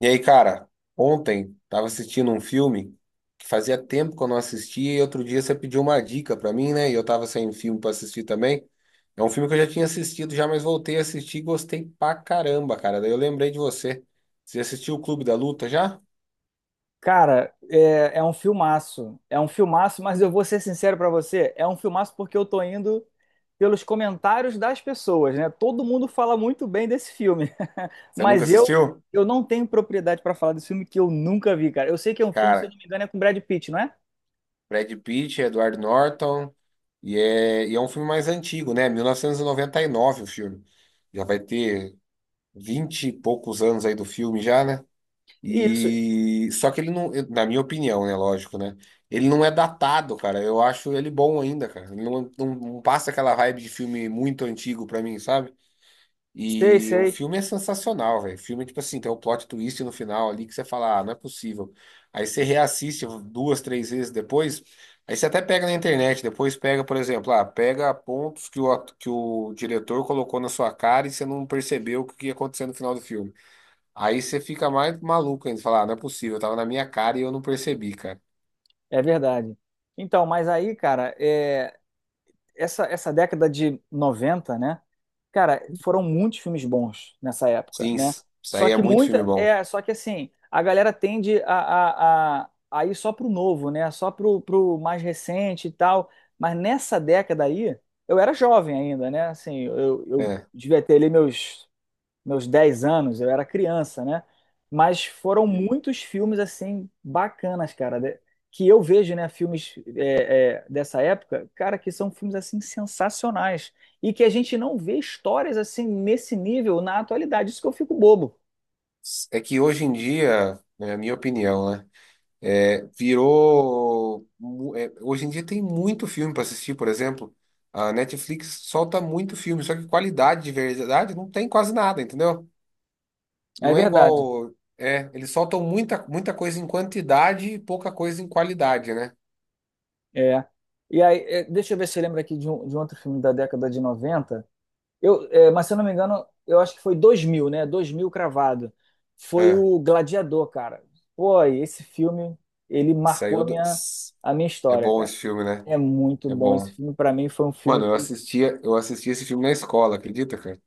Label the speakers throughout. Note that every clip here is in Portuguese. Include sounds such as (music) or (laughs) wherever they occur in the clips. Speaker 1: E aí, cara, ontem tava assistindo um filme que fazia tempo que eu não assistia e outro dia você pediu uma dica pra mim, né? E eu tava sem filme pra assistir também. É um filme que eu já tinha assistido já, mas voltei a assistir e gostei pra caramba, cara. Daí eu lembrei de você. Você assistiu o Clube da Luta já?
Speaker 2: Cara, é um filmaço. É um filmaço, mas eu vou ser sincero pra você, é um filmaço porque eu tô indo pelos comentários das pessoas, né? Todo mundo fala muito bem desse filme, (laughs)
Speaker 1: Você nunca
Speaker 2: mas eu
Speaker 1: assistiu?
Speaker 2: eu não tenho propriedade pra falar desse filme que eu nunca vi, cara. Eu sei que é um filme, se eu
Speaker 1: Cara,
Speaker 2: não me engano, é com Brad Pitt, não é?
Speaker 1: Brad Pitt, Edward Norton e é um filme mais antigo, né? 1999 o filme. Já vai ter 20 e poucos anos aí do filme já, né?
Speaker 2: Isso,
Speaker 1: E só que ele não, na minha opinião, né, lógico, né? Ele não é datado, cara. Eu acho ele bom ainda, cara. Ele não passa aquela vibe de filme muito antigo pra mim, sabe?
Speaker 2: sei,
Speaker 1: E o
Speaker 2: sei,
Speaker 1: filme é sensacional, velho. O filme, tipo assim, tem um plot twist no final ali que você fala, ah, não é possível. Aí você reassiste duas, três vezes depois. Aí você até pega na internet, depois pega, por exemplo, ah, pega pontos que o diretor colocou na sua cara e você não percebeu o que ia acontecer no final do filme. Aí você fica mais maluco ainda, falar, ah, não é possível, tava na minha cara e eu não percebi, cara.
Speaker 2: é verdade. Então, mas aí, cara. Essa década de noventa, né? Cara, foram muitos filmes bons nessa época,
Speaker 1: Sim,
Speaker 2: né?
Speaker 1: isso aí
Speaker 2: Só
Speaker 1: é
Speaker 2: que
Speaker 1: muito
Speaker 2: muita.
Speaker 1: filme bom.
Speaker 2: É, só que assim, a galera tende a ir só pro novo, né? Só pro mais recente e tal. Mas nessa década aí, eu era jovem ainda, né? Assim, eu
Speaker 1: É.
Speaker 2: devia ter ali meus 10 anos, eu era criança, né? Mas foram muitos filmes, assim, bacanas, cara. Que eu vejo, né? Filmes dessa época, cara, que são filmes assim sensacionais e que a gente não vê histórias assim nesse nível na atualidade. Isso que eu fico bobo.
Speaker 1: É que hoje em dia, né, é a minha opinião, né? Hoje em dia tem muito filme pra assistir, por exemplo. A Netflix solta muito filme, só que qualidade de verdade não tem quase nada, entendeu?
Speaker 2: É
Speaker 1: Não é
Speaker 2: verdade.
Speaker 1: igual. É, eles soltam muita, muita coisa em quantidade e pouca coisa em qualidade, né?
Speaker 2: É. E aí, deixa eu ver se eu lembro aqui de um outro filme da década de 90. Mas se eu não me engano, eu acho que foi 2000, né? 2000 cravado. Foi
Speaker 1: É,
Speaker 2: o Gladiador, cara. Pô, e esse filme, ele marcou a
Speaker 1: saiu do.
Speaker 2: minha, a minha
Speaker 1: É
Speaker 2: história,
Speaker 1: bom
Speaker 2: cara.
Speaker 1: esse filme, né?
Speaker 2: É muito
Speaker 1: É
Speaker 2: bom esse
Speaker 1: bom.
Speaker 2: filme. Pra mim, foi um filme
Speaker 1: Mano, eu
Speaker 2: que,
Speaker 1: assistia, eu assistia esse filme na escola, acredita, cara?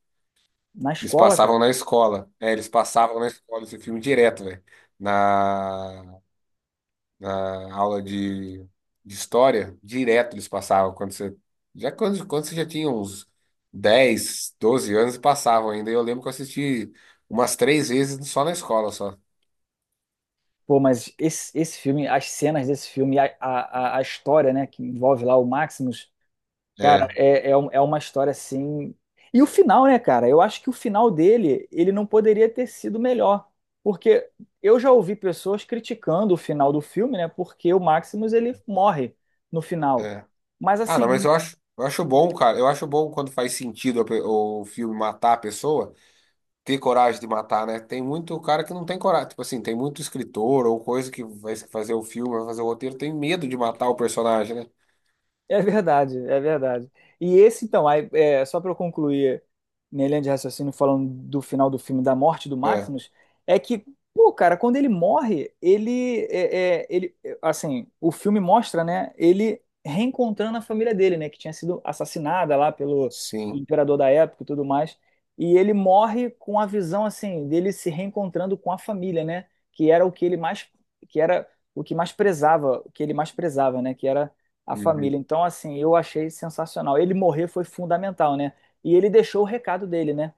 Speaker 2: na
Speaker 1: Eles
Speaker 2: escola, cara.
Speaker 1: passavam na escola. É, eles passavam na escola esse filme direto, velho. Na, na aula de história, direto eles passavam. Quando você já tinha uns 10, 12 anos, passavam ainda. Eu lembro que eu assisti umas três vezes só na escola, só.
Speaker 2: Pô, mas esse filme, as cenas desse filme, a história, né, que envolve lá o Maximus, cara,
Speaker 1: É,
Speaker 2: é uma história assim. E o final, né, cara? Eu acho que o final dele, ele não poderia ter sido melhor. Porque eu já ouvi pessoas criticando o final do filme, né, porque o Maximus ele morre no final.
Speaker 1: é.
Speaker 2: Mas
Speaker 1: Ah, não, mas
Speaker 2: assim,
Speaker 1: eu acho bom, cara. Eu acho bom quando faz sentido o filme matar a pessoa. Ter coragem de matar, né? Tem muito cara que não tem coragem. Tipo assim, tem muito escritor ou coisa que vai fazer o filme, vai fazer o roteiro, tem medo de matar o personagem, né?
Speaker 2: é verdade, é verdade. E esse, então, aí, só para eu concluir minha linha de raciocínio falando do final do filme, da morte do
Speaker 1: É,
Speaker 2: Maximus, é que, pô, cara, quando ele morre, ele, assim, o filme mostra, né, ele reencontrando a família dele, né, que tinha sido assassinada lá pelo
Speaker 1: sim.
Speaker 2: imperador da época e tudo mais, e ele morre com a visão, assim, dele se reencontrando com a família, né, que era o que ele mais, que era o que mais prezava, o que ele mais prezava, né, que era a
Speaker 1: Uhum.
Speaker 2: família. Então, assim, eu achei sensacional. Ele morrer foi fundamental, né? E ele deixou o recado dele, né?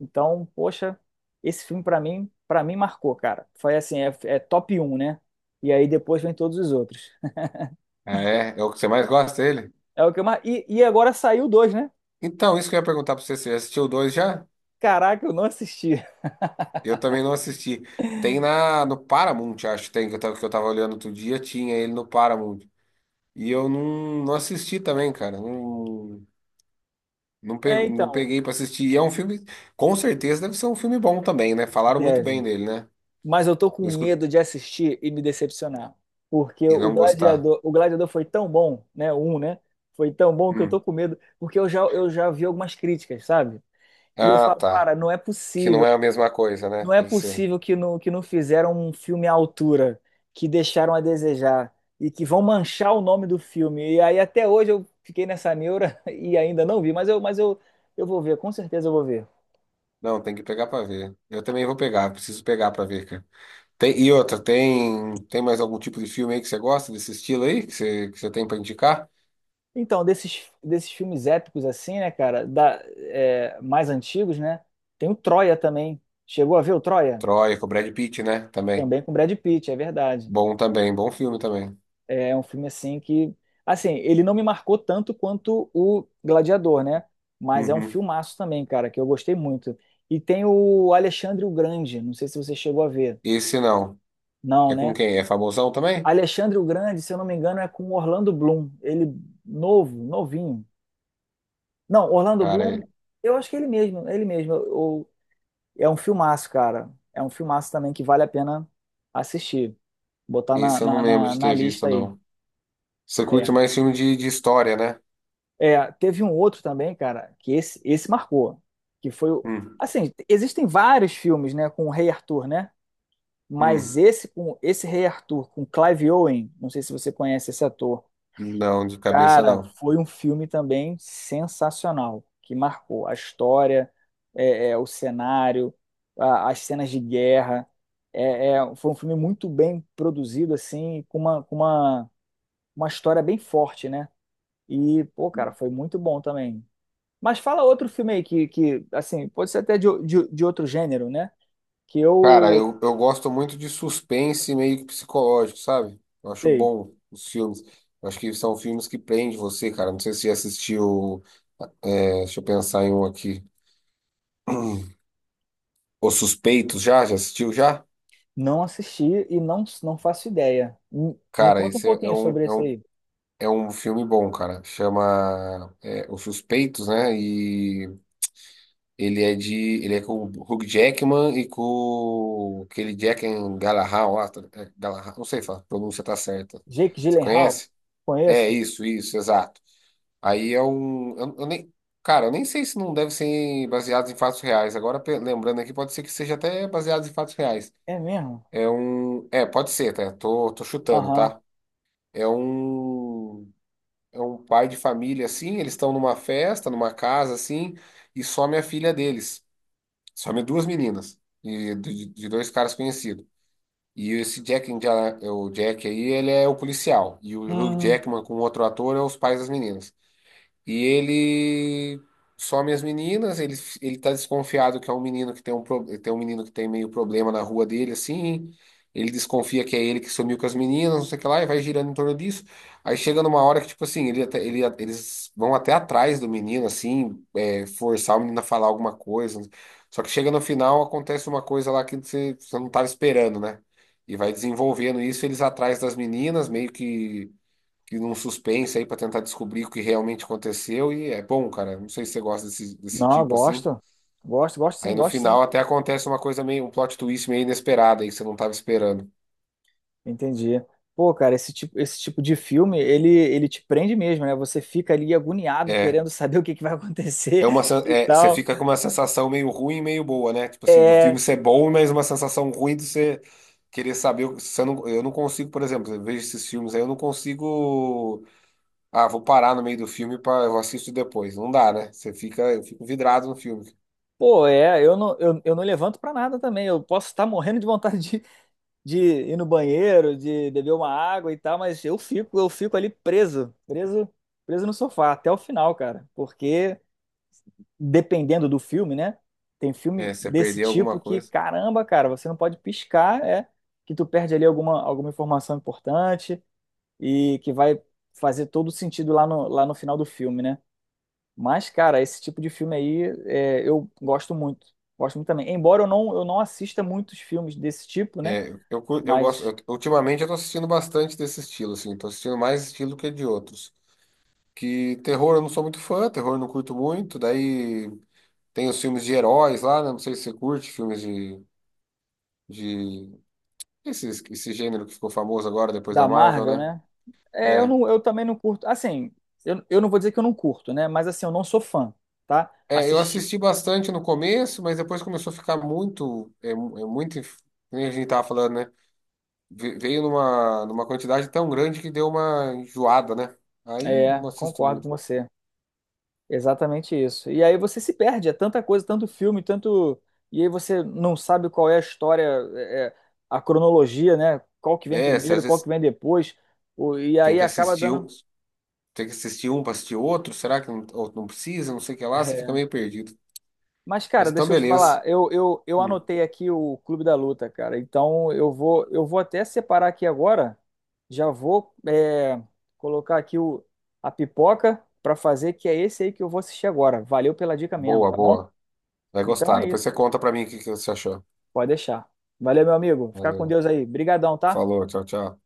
Speaker 2: Então, poxa, esse filme para mim marcou, cara. Foi assim, é top 1, né? E aí depois vem todos os outros. (laughs)
Speaker 1: Ah, é? É o que você mais gosta dele?
Speaker 2: É o que eu mar... e agora saiu dois, né?
Speaker 1: Então, isso que eu ia perguntar pra você, você assistiu o dois já?
Speaker 2: Caraca, eu não assisti. (laughs)
Speaker 1: Eu também não assisti. Tem na, no Paramount, acho, tem, que eu tava olhando outro dia, tinha ele no Paramount. E eu não assisti também, cara.
Speaker 2: É,
Speaker 1: Não
Speaker 2: então,
Speaker 1: peguei pra assistir. E é um filme, com certeza deve ser um filme bom também, né? Falaram muito bem
Speaker 2: deve.
Speaker 1: dele, né?
Speaker 2: Mas eu tô com
Speaker 1: Eu
Speaker 2: medo de assistir e me decepcionar. Porque
Speaker 1: e
Speaker 2: o
Speaker 1: não gostar.
Speaker 2: Gladiador, o Gladiador foi tão bom, né? O um, né? Foi tão bom que eu tô
Speaker 1: Hum.
Speaker 2: com medo, porque eu já vi algumas críticas, sabe? E eu
Speaker 1: Ah,
Speaker 2: falo,
Speaker 1: tá.
Speaker 2: cara, não é
Speaker 1: Que não
Speaker 2: possível.
Speaker 1: é a mesma coisa,
Speaker 2: Não
Speaker 1: né?
Speaker 2: é
Speaker 1: Deve ser.
Speaker 2: possível que não fizeram um filme à altura, que deixaram a desejar e que vão manchar o nome do filme. E aí até hoje eu fiquei nessa neura (laughs) e ainda não vi, mas eu, eu vou ver, com certeza eu vou ver.
Speaker 1: Não, tem que pegar pra ver. Eu também vou pegar, preciso pegar pra ver, cara. Tem, e outra, tem mais algum tipo de filme aí que você gosta desse estilo aí? Que você tem pra indicar?
Speaker 2: Então, desses filmes épicos assim, né, cara, mais antigos, né, tem o Troia também. Chegou a ver o Troia?
Speaker 1: Troia, com o Brad Pitt, né? Também.
Speaker 2: Também com Brad Pitt, é verdade.
Speaker 1: Bom também, bom filme também.
Speaker 2: É um filme assim que, assim, ele não me marcou tanto quanto o Gladiador, né? Mas é um
Speaker 1: Uhum.
Speaker 2: filmaço também, cara, que eu gostei muito. E tem o Alexandre o Grande, não sei se você chegou a ver.
Speaker 1: Esse não.
Speaker 2: Não,
Speaker 1: É com
Speaker 2: né?
Speaker 1: quem? É famosão também?
Speaker 2: Alexandre o Grande, se eu não me engano, é com Orlando Bloom. Ele novo, novinho. Não, Orlando
Speaker 1: Cara,
Speaker 2: Bloom, eu acho que é ele mesmo, é ele mesmo. É um filmaço, cara. É um filmaço também que vale a pena assistir. Botar na,
Speaker 1: esse eu não
Speaker 2: na,
Speaker 1: lembro
Speaker 2: na
Speaker 1: de
Speaker 2: na
Speaker 1: ter visto,
Speaker 2: lista aí.
Speaker 1: não. Você
Speaker 2: É.
Speaker 1: curte mais filme de história, né?
Speaker 2: É, teve um outro também, cara, que esse marcou. Que foi.
Speaker 1: Hum,
Speaker 2: Assim, existem vários filmes, né, com o Rei Arthur, né? Mas
Speaker 1: hum.
Speaker 2: esse com esse Rei Arthur, com Clive Owen, não sei se você conhece esse ator.
Speaker 1: Não, de cabeça
Speaker 2: Cara,
Speaker 1: não.
Speaker 2: foi um filme também sensacional, que marcou a história, o cenário, as cenas de guerra. Foi um filme muito bem produzido, assim, com uma história bem forte, né? E, pô, cara, foi muito bom também. Mas fala outro filme aí que assim, pode ser até de outro gênero, né? Que
Speaker 1: Cara,
Speaker 2: eu,
Speaker 1: eu gosto muito de suspense meio que psicológico, sabe? Eu acho
Speaker 2: sei,
Speaker 1: bom os filmes. Eu acho que são filmes que prendem você, cara. Não sei se você já assistiu. É, deixa eu pensar em um aqui. (clears throat) Os Suspeitos já? Já assistiu já?
Speaker 2: não assisti e não, não faço ideia. Me
Speaker 1: Cara,
Speaker 2: conta um
Speaker 1: esse é, é
Speaker 2: pouquinho
Speaker 1: um,
Speaker 2: sobre
Speaker 1: é
Speaker 2: esse
Speaker 1: um,
Speaker 2: aí.
Speaker 1: é um filme bom, cara. Chama é, Os Suspeitos, né? E ele é de. Ele é com o Hugh Jackman e com aquele Jack and Galahad, lá, é, Galahad, não sei se a pronúncia tá certa.
Speaker 2: Jake
Speaker 1: Você
Speaker 2: Gyllenhaal?
Speaker 1: conhece? É
Speaker 2: Conheço?
Speaker 1: isso, isso, exato. Aí é um. Eu nem, Cara, eu nem sei se não deve ser baseado em fatos reais. Agora, lembrando aqui, pode ser que seja até baseado em fatos reais.
Speaker 2: É mesmo?
Speaker 1: É um. É, pode ser, tá? Tô chutando,
Speaker 2: Aham.
Speaker 1: tá? É um. É um pai de família, assim. Eles estão numa festa, numa casa, assim. E some a filha deles. Some duas meninas. De dois caras conhecidos. E esse Jack, o Jack aí, ele é o policial. E o Hugh
Speaker 2: Hum.
Speaker 1: Jackman com outro ator é os pais das meninas. E ele some as meninas, ele tá desconfiado que é um menino que tem um, tem um menino que tem meio problema na rua dele, assim. Ele desconfia que é ele que sumiu com as meninas, não sei o que lá, e vai girando em torno disso. Aí chega numa hora que, tipo assim, eles vão até atrás do menino, assim, é, forçar o menino a falar alguma coisa. Só que chega no final, acontece uma coisa lá que você não tava esperando, né? E vai desenvolvendo isso, eles atrás das meninas, meio que num suspense aí pra tentar descobrir o que realmente aconteceu e é bom, cara. Não sei se você gosta desse
Speaker 2: Não, eu
Speaker 1: tipo assim.
Speaker 2: gosto. Gosto, gosto
Speaker 1: Aí
Speaker 2: sim,
Speaker 1: no
Speaker 2: gosto sim.
Speaker 1: final até acontece uma coisa meio, um plot twist meio inesperado aí que você não tava esperando.
Speaker 2: Entendi. Pô, cara, esse tipo de filme, ele te prende mesmo, né? Você fica ali agoniado,
Speaker 1: É,
Speaker 2: querendo saber o que que vai acontecer (laughs) e
Speaker 1: você
Speaker 2: tal.
Speaker 1: fica com uma sensação meio ruim e meio boa, né? Tipo assim, do filme
Speaker 2: É,
Speaker 1: ser bom, mas uma sensação ruim de você querer saber. Você não, eu não consigo, por exemplo, eu vejo esses filmes aí, eu não consigo. Ah, vou parar no meio do filme para eu assisto depois. Não dá, né? Você fica, eu fico vidrado no filme.
Speaker 2: pô, eu não levanto pra nada também. Eu posso estar morrendo de vontade de ir no banheiro, de beber uma água e tal, mas eu fico ali preso, preso, preso no sofá até o final, cara. Porque dependendo do filme, né? Tem
Speaker 1: É,
Speaker 2: filme
Speaker 1: se você
Speaker 2: desse
Speaker 1: perder alguma
Speaker 2: tipo que,
Speaker 1: coisa.
Speaker 2: caramba, cara, você não pode piscar, é que tu perde ali alguma informação importante e que vai fazer todo sentido lá no final do filme, né? Mas, cara, esse tipo de filme aí eu gosto muito. Gosto muito também. Embora eu não assista muitos filmes desse tipo, né?
Speaker 1: É, eu gosto.
Speaker 2: Mas
Speaker 1: Ultimamente eu tô assistindo bastante desse estilo, assim. Tô assistindo mais estilo que de outros. Que terror eu não sou muito fã, terror eu não curto muito. Daí tem os filmes de heróis lá, né? Não sei se você curte filmes de... Esse, esse gênero que ficou famoso agora depois da
Speaker 2: da
Speaker 1: Marvel,
Speaker 2: Marvel,
Speaker 1: né?
Speaker 2: né? É, eu
Speaker 1: É.
Speaker 2: não, eu também não curto. Assim, eu não vou dizer que eu não curto, né? Mas assim, eu não sou fã, tá?
Speaker 1: É, eu
Speaker 2: Assistir.
Speaker 1: assisti bastante no começo, mas depois começou a ficar muito, é muito, que nem a gente tava falando, né? Veio numa, numa quantidade tão grande que deu uma enjoada, né? Aí
Speaker 2: É,
Speaker 1: não assisto
Speaker 2: concordo com
Speaker 1: muito.
Speaker 2: você. Exatamente isso. E aí você se perde, é tanta coisa, tanto filme, tanto. E aí você não sabe qual é a história, é, é, a cronologia, né? Qual que vem
Speaker 1: É, se às
Speaker 2: primeiro, qual
Speaker 1: vezes
Speaker 2: que vem depois. E
Speaker 1: tem
Speaker 2: aí
Speaker 1: que
Speaker 2: acaba
Speaker 1: assistir,
Speaker 2: dando.
Speaker 1: tem que assistir um para assistir outro? Será que não, ou não precisa? Não sei o que lá, você fica
Speaker 2: É,
Speaker 1: meio perdido.
Speaker 2: mas,
Speaker 1: Mas
Speaker 2: cara,
Speaker 1: então,
Speaker 2: deixa eu te
Speaker 1: beleza.
Speaker 2: falar, eu
Speaker 1: Hum,
Speaker 2: anotei aqui o Clube da Luta, cara. Então eu vou até separar aqui agora. Já vou, colocar aqui a pipoca pra fazer, que é esse aí que eu vou assistir agora. Valeu pela dica mesmo,
Speaker 1: boa,
Speaker 2: tá bom?
Speaker 1: boa. Vai
Speaker 2: Então
Speaker 1: gostar.
Speaker 2: é
Speaker 1: Depois
Speaker 2: isso.
Speaker 1: você conta pra mim o que que você achou.
Speaker 2: Pode deixar. Valeu, meu amigo. Fica com
Speaker 1: Valeu.
Speaker 2: Deus aí. Brigadão, tá?
Speaker 1: Falou, tchau, tchau.